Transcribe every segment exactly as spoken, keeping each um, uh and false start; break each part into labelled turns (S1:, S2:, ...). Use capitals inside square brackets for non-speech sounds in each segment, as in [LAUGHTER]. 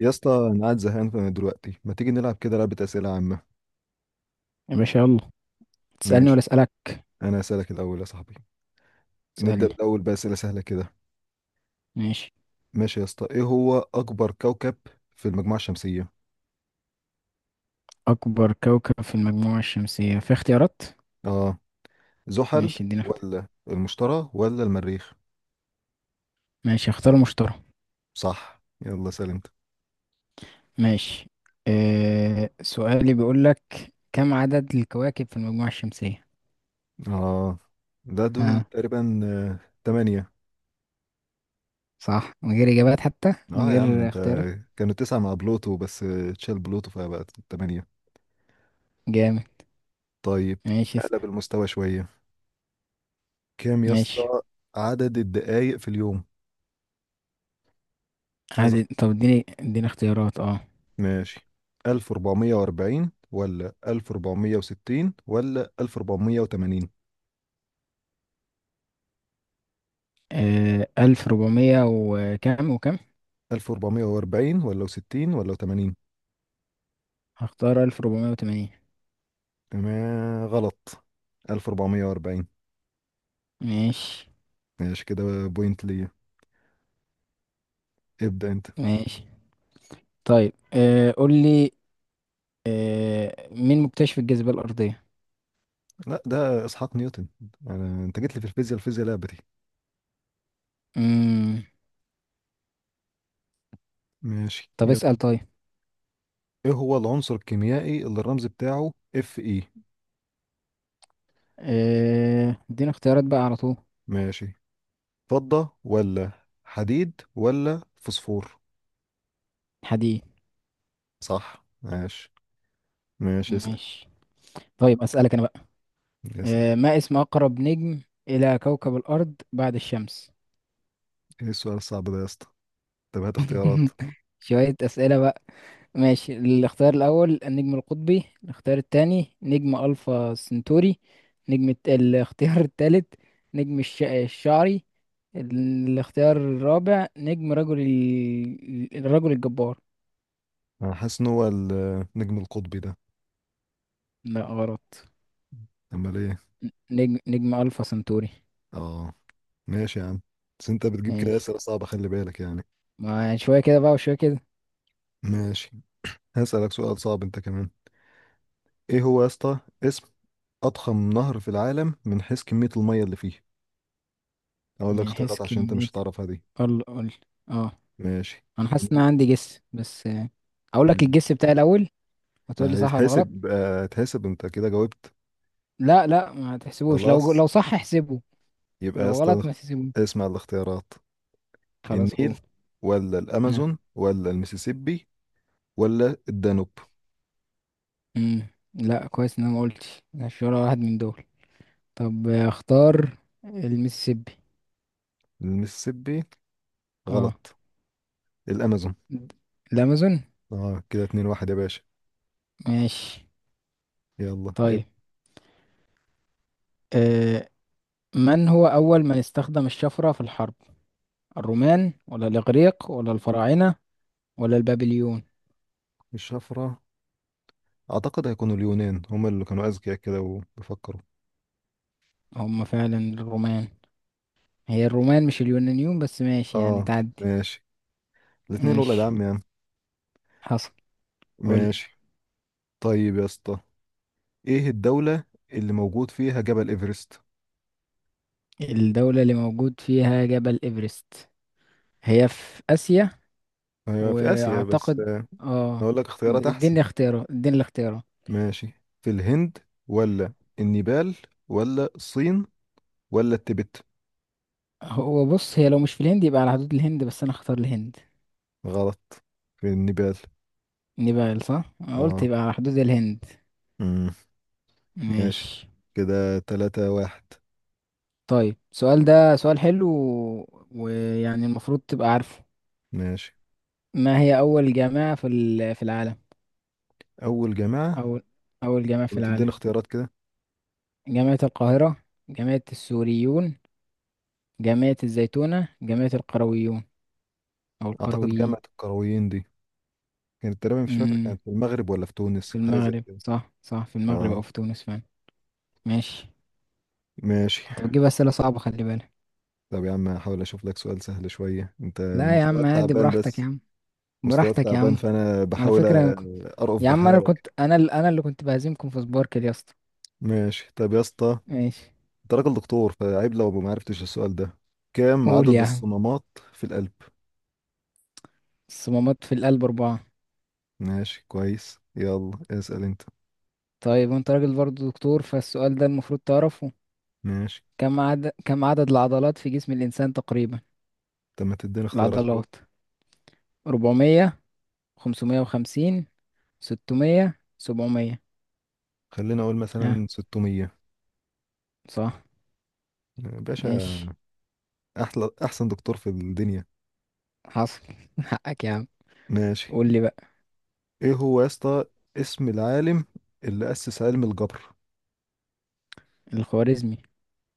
S1: يا اسطى، انا قاعد زهقان فانا دلوقتي ما تيجي نلعب كده لعبة أسئلة عامة؟
S2: يا باشا يلا. تسألني ولا
S1: ماشي.
S2: أسألك؟
S1: انا هسألك الاول يا صاحبي. نبدأ
S2: تسألني.
S1: الاول بأسئلة سهلة كده.
S2: ماشي.
S1: ماشي يا اسطى، ايه هو اكبر كوكب في المجموعة الشمسية؟
S2: أكبر كوكب في المجموعة الشمسية؟ في اختيارات؟
S1: اه. زحل.
S2: ماشي، ادينا اختيار.
S1: ولا المشتري ولا المريخ؟
S2: ماشي، اختار مشتري.
S1: صح، يلا سأل انت.
S2: ماشي. أه سؤالي بيقول لك كم عدد الكواكب في المجموعة الشمسية؟
S1: اه، ده دول
S2: ها،
S1: تقريبا آه، تمانية.
S2: صح؟ من غير إجابات حتى، من
S1: اه يا عم
S2: غير
S1: انت،
S2: اختيارات؟
S1: كانوا تسعة مع بلوتو بس، آه، تشال بلوتو فبقت تمانية.
S2: جامد.
S1: طيب.
S2: ماشي
S1: نقلب
S2: اسأل.
S1: المستوى شوية. كام يا
S2: ماشي.
S1: اسطى عدد الدقايق في اليوم؟ عايز؟
S2: عدد؟ طب اديني اديني اختيارات. اه،
S1: ماشي. ألف وأربعمية وأربعين ولا ألف وأربعمية وستين ولا ألف وأربعمية وتمانين؟
S2: آه، ألف ربعمية وكم وكم.
S1: ألف وأربعمية وأربعين ولا ستين ولا تمانين؟
S2: هختار ألف ربعمية وتمانين.
S1: تمام، غلط. ألف ربعمية وأربعين.
S2: ماشي.
S1: ماشي، كده بوينت ليا. ابدأ انت.
S2: ماشي. طيب، أه قول لي، آه، مين مكتشف الجاذبية الأرضية؟
S1: لا، ده اسحاق نيوتن. أنا... انت جيت لي في الفيزياء الفيزياء، لعبتي.
S2: مم.
S1: ماشي،
S2: طب
S1: يلا.
S2: اسأل طيب.
S1: ايه هو العنصر الكيميائي اللي الرمز بتاعه اف اي؟
S2: آه، ادينا اختيارات بقى على طول.
S1: ماشي. فضة ولا حديد ولا فوسفور؟
S2: حديد.
S1: صح، ماشي. ماشي، اسأل.
S2: ماشي. طيب أسألك أنا بقى.
S1: اسأل.
S2: آه، ما اسم أقرب نجم إلى كوكب الأرض بعد الشمس؟
S1: ايه السؤال الصعب ده يا اسطى؟ طب هات اختيارات.
S2: [LAUGHS] شوية أسئلة بقى. ماشي، الاختيار الأول النجم القطبي، الاختيار التاني نجم ألفا سنتوري، نجم الت- الاختيار التالت نجم الش... الشعري، الاختيار الرابع نجم رجل ال... الرجل الجبار.
S1: انا حاسس ان هو النجم القطبي ده.
S2: لا غلط.
S1: امال ايه؟
S2: نجم نجم ألفا سنتوري.
S1: اه، ماشي يا عم. بس انت بتجيب كده
S2: ماشي.
S1: اسئله صعبه، خلي بالك يعني.
S2: ما شوية كده بقى وشوية كده.
S1: ماشي. هسألك سؤال صعب انت كمان. ايه هو يا اسطى اسم اضخم نهر في العالم من حيث كميه الميه اللي فيه؟ اقول لك
S2: من حيث
S1: اختيارات عشان انت
S2: كمية.
S1: مش هتعرفها دي.
S2: قل قل. اه.
S1: ماشي.
S2: أنا حاسس إن
S1: الن-
S2: أنا عندي جس بس، آه، أقول لك الجس بتاعي الأول، وتقول لي صح ولا غلط.
S1: هيتحسب آه، هيتحسب انت كده جاوبت.
S2: لا لا، ما تحسبوش، لو
S1: خلاص.
S2: لو صح احسبه،
S1: يبقى يا
S2: لو
S1: اسطى،
S2: غلط ما تحسبوش.
S1: اسمع الاختيارات.
S2: خلاص. اوه.
S1: النيل ولا
S2: ها.
S1: الامازون ولا المسيسيبي ولا الدانوب؟
S2: مم. لا، كويس ان انا ما قلتش مش ولا واحد من دول. طب، آه، اختار المسيسيبي.
S1: المسيسيبي.
S2: اه.
S1: غلط. الامازون.
S2: الامازون.
S1: اه، كده اتنين واحد يا باشا.
S2: ماشي.
S1: يلا اب.
S2: طيب. آه. من هو اول من استخدم الشفرة في الحرب؟ الرومان ولا الاغريق ولا الفراعنة ولا البابليون؟
S1: الشفرة. اعتقد هيكونوا اليونان، هما اللي كانوا اذكياء كده وبيفكروا.
S2: هم فعلا الرومان. هي الرومان مش اليونانيون، بس ماشي يعني
S1: اه،
S2: تعدي.
S1: ماشي. الاتنين ولاد
S2: ماشي.
S1: عم يعني.
S2: حصل. قول.
S1: ماشي، طيب يا اسطى، ايه الدولة اللي موجود فيها جبل ايفرست؟
S2: الدولة اللي موجود فيها جبل إيفرست هي في آسيا.
S1: هي في اسيا بس،
S2: وأعتقد.
S1: آه،
S2: اه.
S1: اقول لك اختيارات احسن.
S2: اديني اختياره اديني الاختياره.
S1: ماشي. في الهند ولا النيبال ولا الصين ولا التبت؟
S2: هو بص، هي لو مش في الهند يبقى على حدود الهند، بس أنا اختار الهند.
S1: غلط. في النيبال.
S2: نيبال صح؟ أنا قلت
S1: اه،
S2: يبقى على حدود الهند.
S1: ماشي.
S2: ماشي.
S1: كده تلاتة واحد.
S2: طيب السؤال ده سؤال حلو و- ويعني المفروض تبقى عارفه.
S1: ماشي.
S2: ما هي أول جامعة في ال- في العالم؟
S1: أول جامعة.
S2: أول أول جامعة في
S1: لما تديني
S2: العالم:
S1: اختيارات كده.
S2: جامعة القاهرة، جامعة السوريون، جامعة الزيتونة، جامعة القرويون أو
S1: أعتقد جامعة
S2: القرويين.
S1: القرويين دي كانت تقريبا، مش فاكر،
S2: امم.
S1: كانت في المغرب ولا في
S2: في
S1: تونس، حاجة زي
S2: المغرب،
S1: كده.
S2: صح صح، في المغرب
S1: اه،
S2: أو في تونس فعلا. ماشي.
S1: ماشي.
S2: أنت بتجيب أسئلة صعبة، خلي بالك.
S1: طب يا عم، هحاول أشوف لك سؤال سهل شوية، أنت
S2: لا يا عم
S1: مستواك
S2: عادي،
S1: تعبان
S2: براحتك
S1: بس.
S2: يا عم،
S1: مستواك
S2: براحتك يا
S1: تعبان
S2: عم.
S1: فأنا
S2: على
S1: بحاول
S2: فكرة أنا كنت...
S1: أرأف
S2: يا عم أنا
S1: بحالك.
S2: كنت أنا ال... أنا اللي كنت بهزمكم في سباركل يا اسطى.
S1: ماشي، طب يا اسطى،
S2: ماشي.
S1: أنت راجل دكتور فعيب لو ما عرفتش السؤال ده. كام
S2: قول
S1: عدد
S2: يا عم.
S1: الصمامات في القلب؟
S2: الصمامات في القلب أربعة.
S1: ماشي، كويس. يلا اسأل أنت.
S2: طيب وأنت راجل برضه دكتور، فالسؤال ده المفروض تعرفه.
S1: ماشي.
S2: كم عدد كم عدد العضلات في جسم الإنسان تقريبا؟
S1: طب ما تديني اختيارات كده.
S2: العضلات أربعمية، خمسمية وخمسين، ستمية، سبعمية.
S1: خلينا اقول
S2: ها.
S1: مثلا ستمية.
S2: صح.
S1: باشا،
S2: ماشي.
S1: احلى احسن دكتور في الدنيا.
S2: حصل. [LAUGHS] حقك يا عم.
S1: ماشي.
S2: قول لي بقى.
S1: ايه هو يا اسطى اسم العالم اللي اسس علم الجبر؟
S2: الخوارزمي.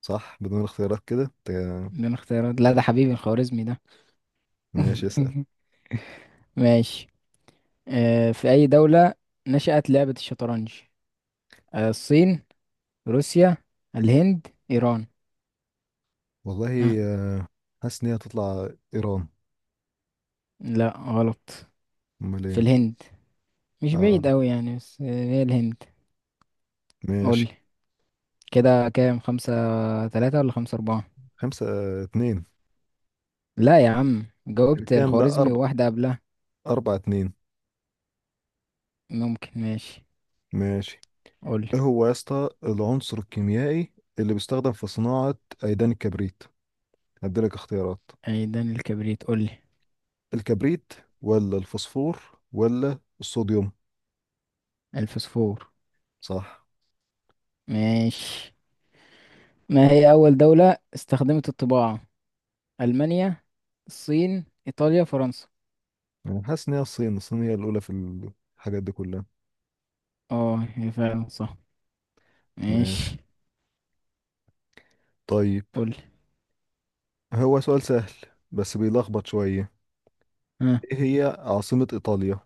S1: صح، بدون اختيارات كده. تا-
S2: ده اختيارات؟ لا، ده حبيبي الخوارزمي ده.
S1: ماشي، اسال.
S2: [LAUGHS] ماشي. آه، في أي دولة نشأت لعبة الشطرنج؟ آه، الصين، روسيا، الهند، إيران. ها.
S1: والله، آه، حاسس ان هي هتطلع ايران.
S2: لا غلط.
S1: امال
S2: في
S1: ايه؟
S2: الهند. مش
S1: اه،
S2: بعيد أوي يعني، بس آه، هي الهند. قول
S1: ماشي.
S2: لي. كده كام؟ خمسة تلاتة ولا خمسة أربعة؟
S1: خمسة، آه، اتنين.
S2: لا يا عم، جاوبت
S1: كام؟ لا،
S2: الخوارزمي
S1: اربع.
S2: وواحدة قبلها.
S1: اربعة اتنين.
S2: ممكن. ماشي.
S1: ماشي.
S2: قول لي.
S1: ايه هو يا اسطى العنصر الكيميائي اللي بيستخدم في صناعة ايدان الكبريت؟ هديلك اختيارات.
S2: عيدان الكبريت؟ قول لي.
S1: الكبريت ولا الفوسفور ولا الصوديوم؟
S2: الفسفور.
S1: صح.
S2: ماشي. ما هي أول دولة استخدمت الطباعة؟ ألمانيا، الصين، إيطاليا، فرنسا.
S1: انا حاسس ان هي الصين. الصين هي الاولى في الحاجات دي كلها.
S2: اه هي فعلا صح.
S1: ماشي.
S2: ماشي.
S1: طيب.
S2: قولي.
S1: هو سؤال سهل بس بيلخبط شويه.
S2: ها.
S1: ايه هي عاصمة ايطاليا؟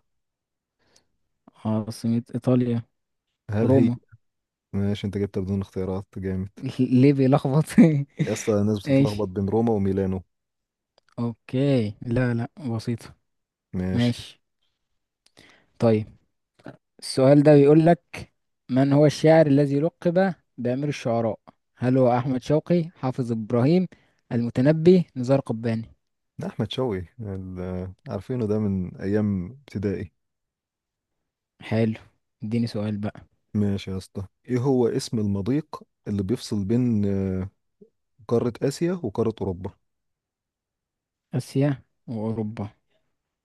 S2: عاصمة إيطاليا
S1: هل هي؟
S2: روما.
S1: ماشي، انت جبتها بدون اختيارات، جامد.
S2: [LAUGHS] ليه بيلخبط؟ [LAUGHS]
S1: يا اسطى الناس بتتلخبط
S2: ماشي.
S1: بين روما وميلانو.
S2: اوكي. لا لا، بسيطة.
S1: ماشي.
S2: ماشي. طيب، السؤال ده بيقول لك من هو الشاعر الذي لقب بأمير الشعراء؟ هل هو أحمد شوقي، حافظ إبراهيم، المتنبي، نزار قباني؟
S1: ده احمد شوقي، ال- عارفينه ده من ايام ابتدائي.
S2: حلو. اديني سؤال بقى.
S1: ماشي يا اسطى، ايه هو اسم المضيق اللي بيفصل بين آه، قارة اسيا وقارة اوروبا؟
S2: آسيا وأوروبا.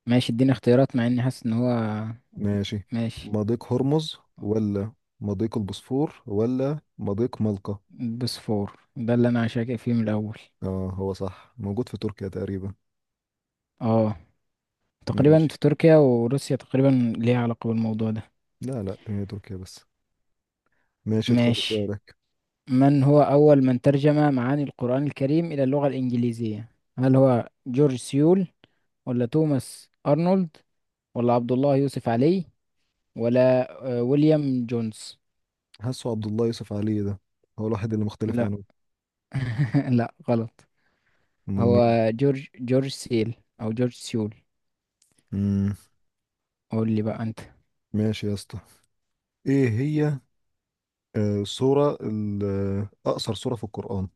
S2: ماشي، اديني اختيارات مع إني حاسس إن هو.
S1: ماشي.
S2: ماشي.
S1: مضيق هرمز ولا مضيق البوسفور ولا مضيق ملقا؟
S2: بوسفور ده اللي أنا شاكك فيه من الأول.
S1: اه، هو صح، موجود في تركيا تقريبا.
S2: اه، تقريبا
S1: ماشي.
S2: في تركيا وروسيا تقريبا ليها علاقة بالموضوع ده.
S1: لا لا، هي تركيا بس. ماشي، ادخل
S2: ماشي.
S1: بسؤالك.
S2: من هو أول من ترجم معاني القرآن الكريم إلى اللغة الإنجليزية؟ هل هو جورج سيول، ولا توماس أرنولد، ولا عبد الله يوسف علي، ولا آه، ويليام جونز؟
S1: حاسه عبد الله يوسف علي ده هو الوحيد اللي مختلف
S2: لا.
S1: عنه.
S2: [LAUGHS] لا غلط.
S1: امال
S2: هو
S1: مين؟
S2: جورج جورج سيل أو جورج سيول.
S1: امم.
S2: قول لي بقى انت.
S1: ماشي يا اسطى، ايه هي آه سورة ال- آه، اقصر سورة في القرآن؟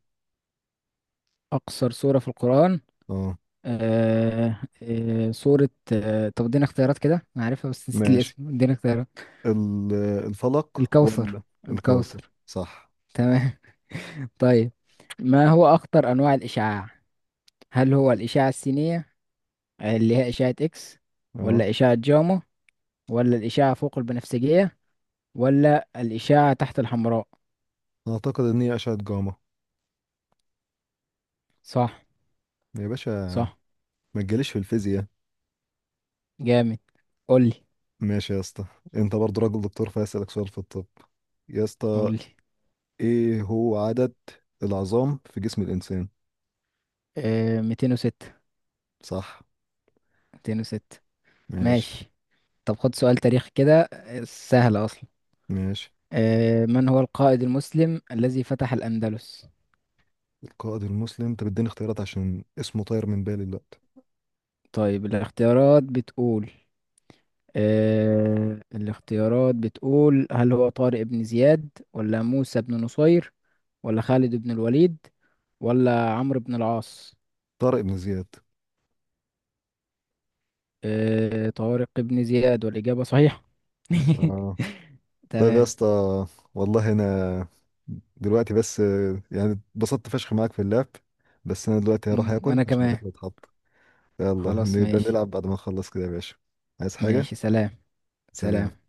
S2: اقصر سورة في القرآن.
S1: اه،
S2: آه آه سورة، آه، طب ادينا اختيارات كده، انا عارفها بس نسيت
S1: ماشي.
S2: الاسم، ادينا اختيارات.
S1: ال- آه، الفلق
S2: الكوثر.
S1: ولا الكوثر؟
S2: الكوثر.
S1: صح.
S2: تمام. [LAUGHS] طيب. ما هو اخطر انواع الاشعاع؟ هل هو الاشعة السينية اللي هي اشعة اكس،
S1: اه،
S2: ولا اشعة جاما، ولا الاشعة فوق البنفسجية، ولا الاشعة تحت الحمراء؟
S1: اعتقد ان هي اشعة جاما.
S2: صح.
S1: يا باشا،
S2: صح.
S1: ما تجيليش في الفيزياء.
S2: جامد. قول لي.
S1: ماشي يا اسطى، انت برضو راجل دكتور فاسألك سؤال في الطب، يا
S2: قول
S1: اسطى.
S2: لي.
S1: ايه هو عدد العظام في جسم الانسان؟
S2: آه، مئتين وستة.
S1: صح،
S2: مئتين وستة.
S1: ماشي.
S2: ماشي. طب خد سؤال تاريخ كده، آه، سهل أصلا.
S1: ماشي.
S2: آه، من هو القائد المسلم الذي فتح الأندلس؟
S1: القائد المسلم، انت بتديني اختيارات عشان اسمه طاير من بالي دلوقتي.
S2: طيب الاختيارات بتقول، آه، الاختيارات بتقول هل هو طارق بن زياد، ولا موسى بن نصير، ولا خالد بن الوليد، ولا عمرو بن العاص؟
S1: طارق بن زياد.
S2: آه، طارق بن زياد، والإجابة صحيحة. [LAUGHS]
S1: اه، طيب يا
S2: تمام.
S1: اسطى، والله انا دلوقتي بس يعني اتبسطت فشخ معاك في اللعب، بس انا دلوقتي هروح
S2: مم،
S1: اكل
S2: وأنا
S1: عشان
S2: كمان.
S1: الاكل اتحط. يلا
S2: خلاص
S1: نبقى
S2: ماشي.
S1: نلعب بعد ما نخلص كده يا باشا. عايز حاجة؟
S2: ماشي سلام.
S1: سلام.
S2: سلام.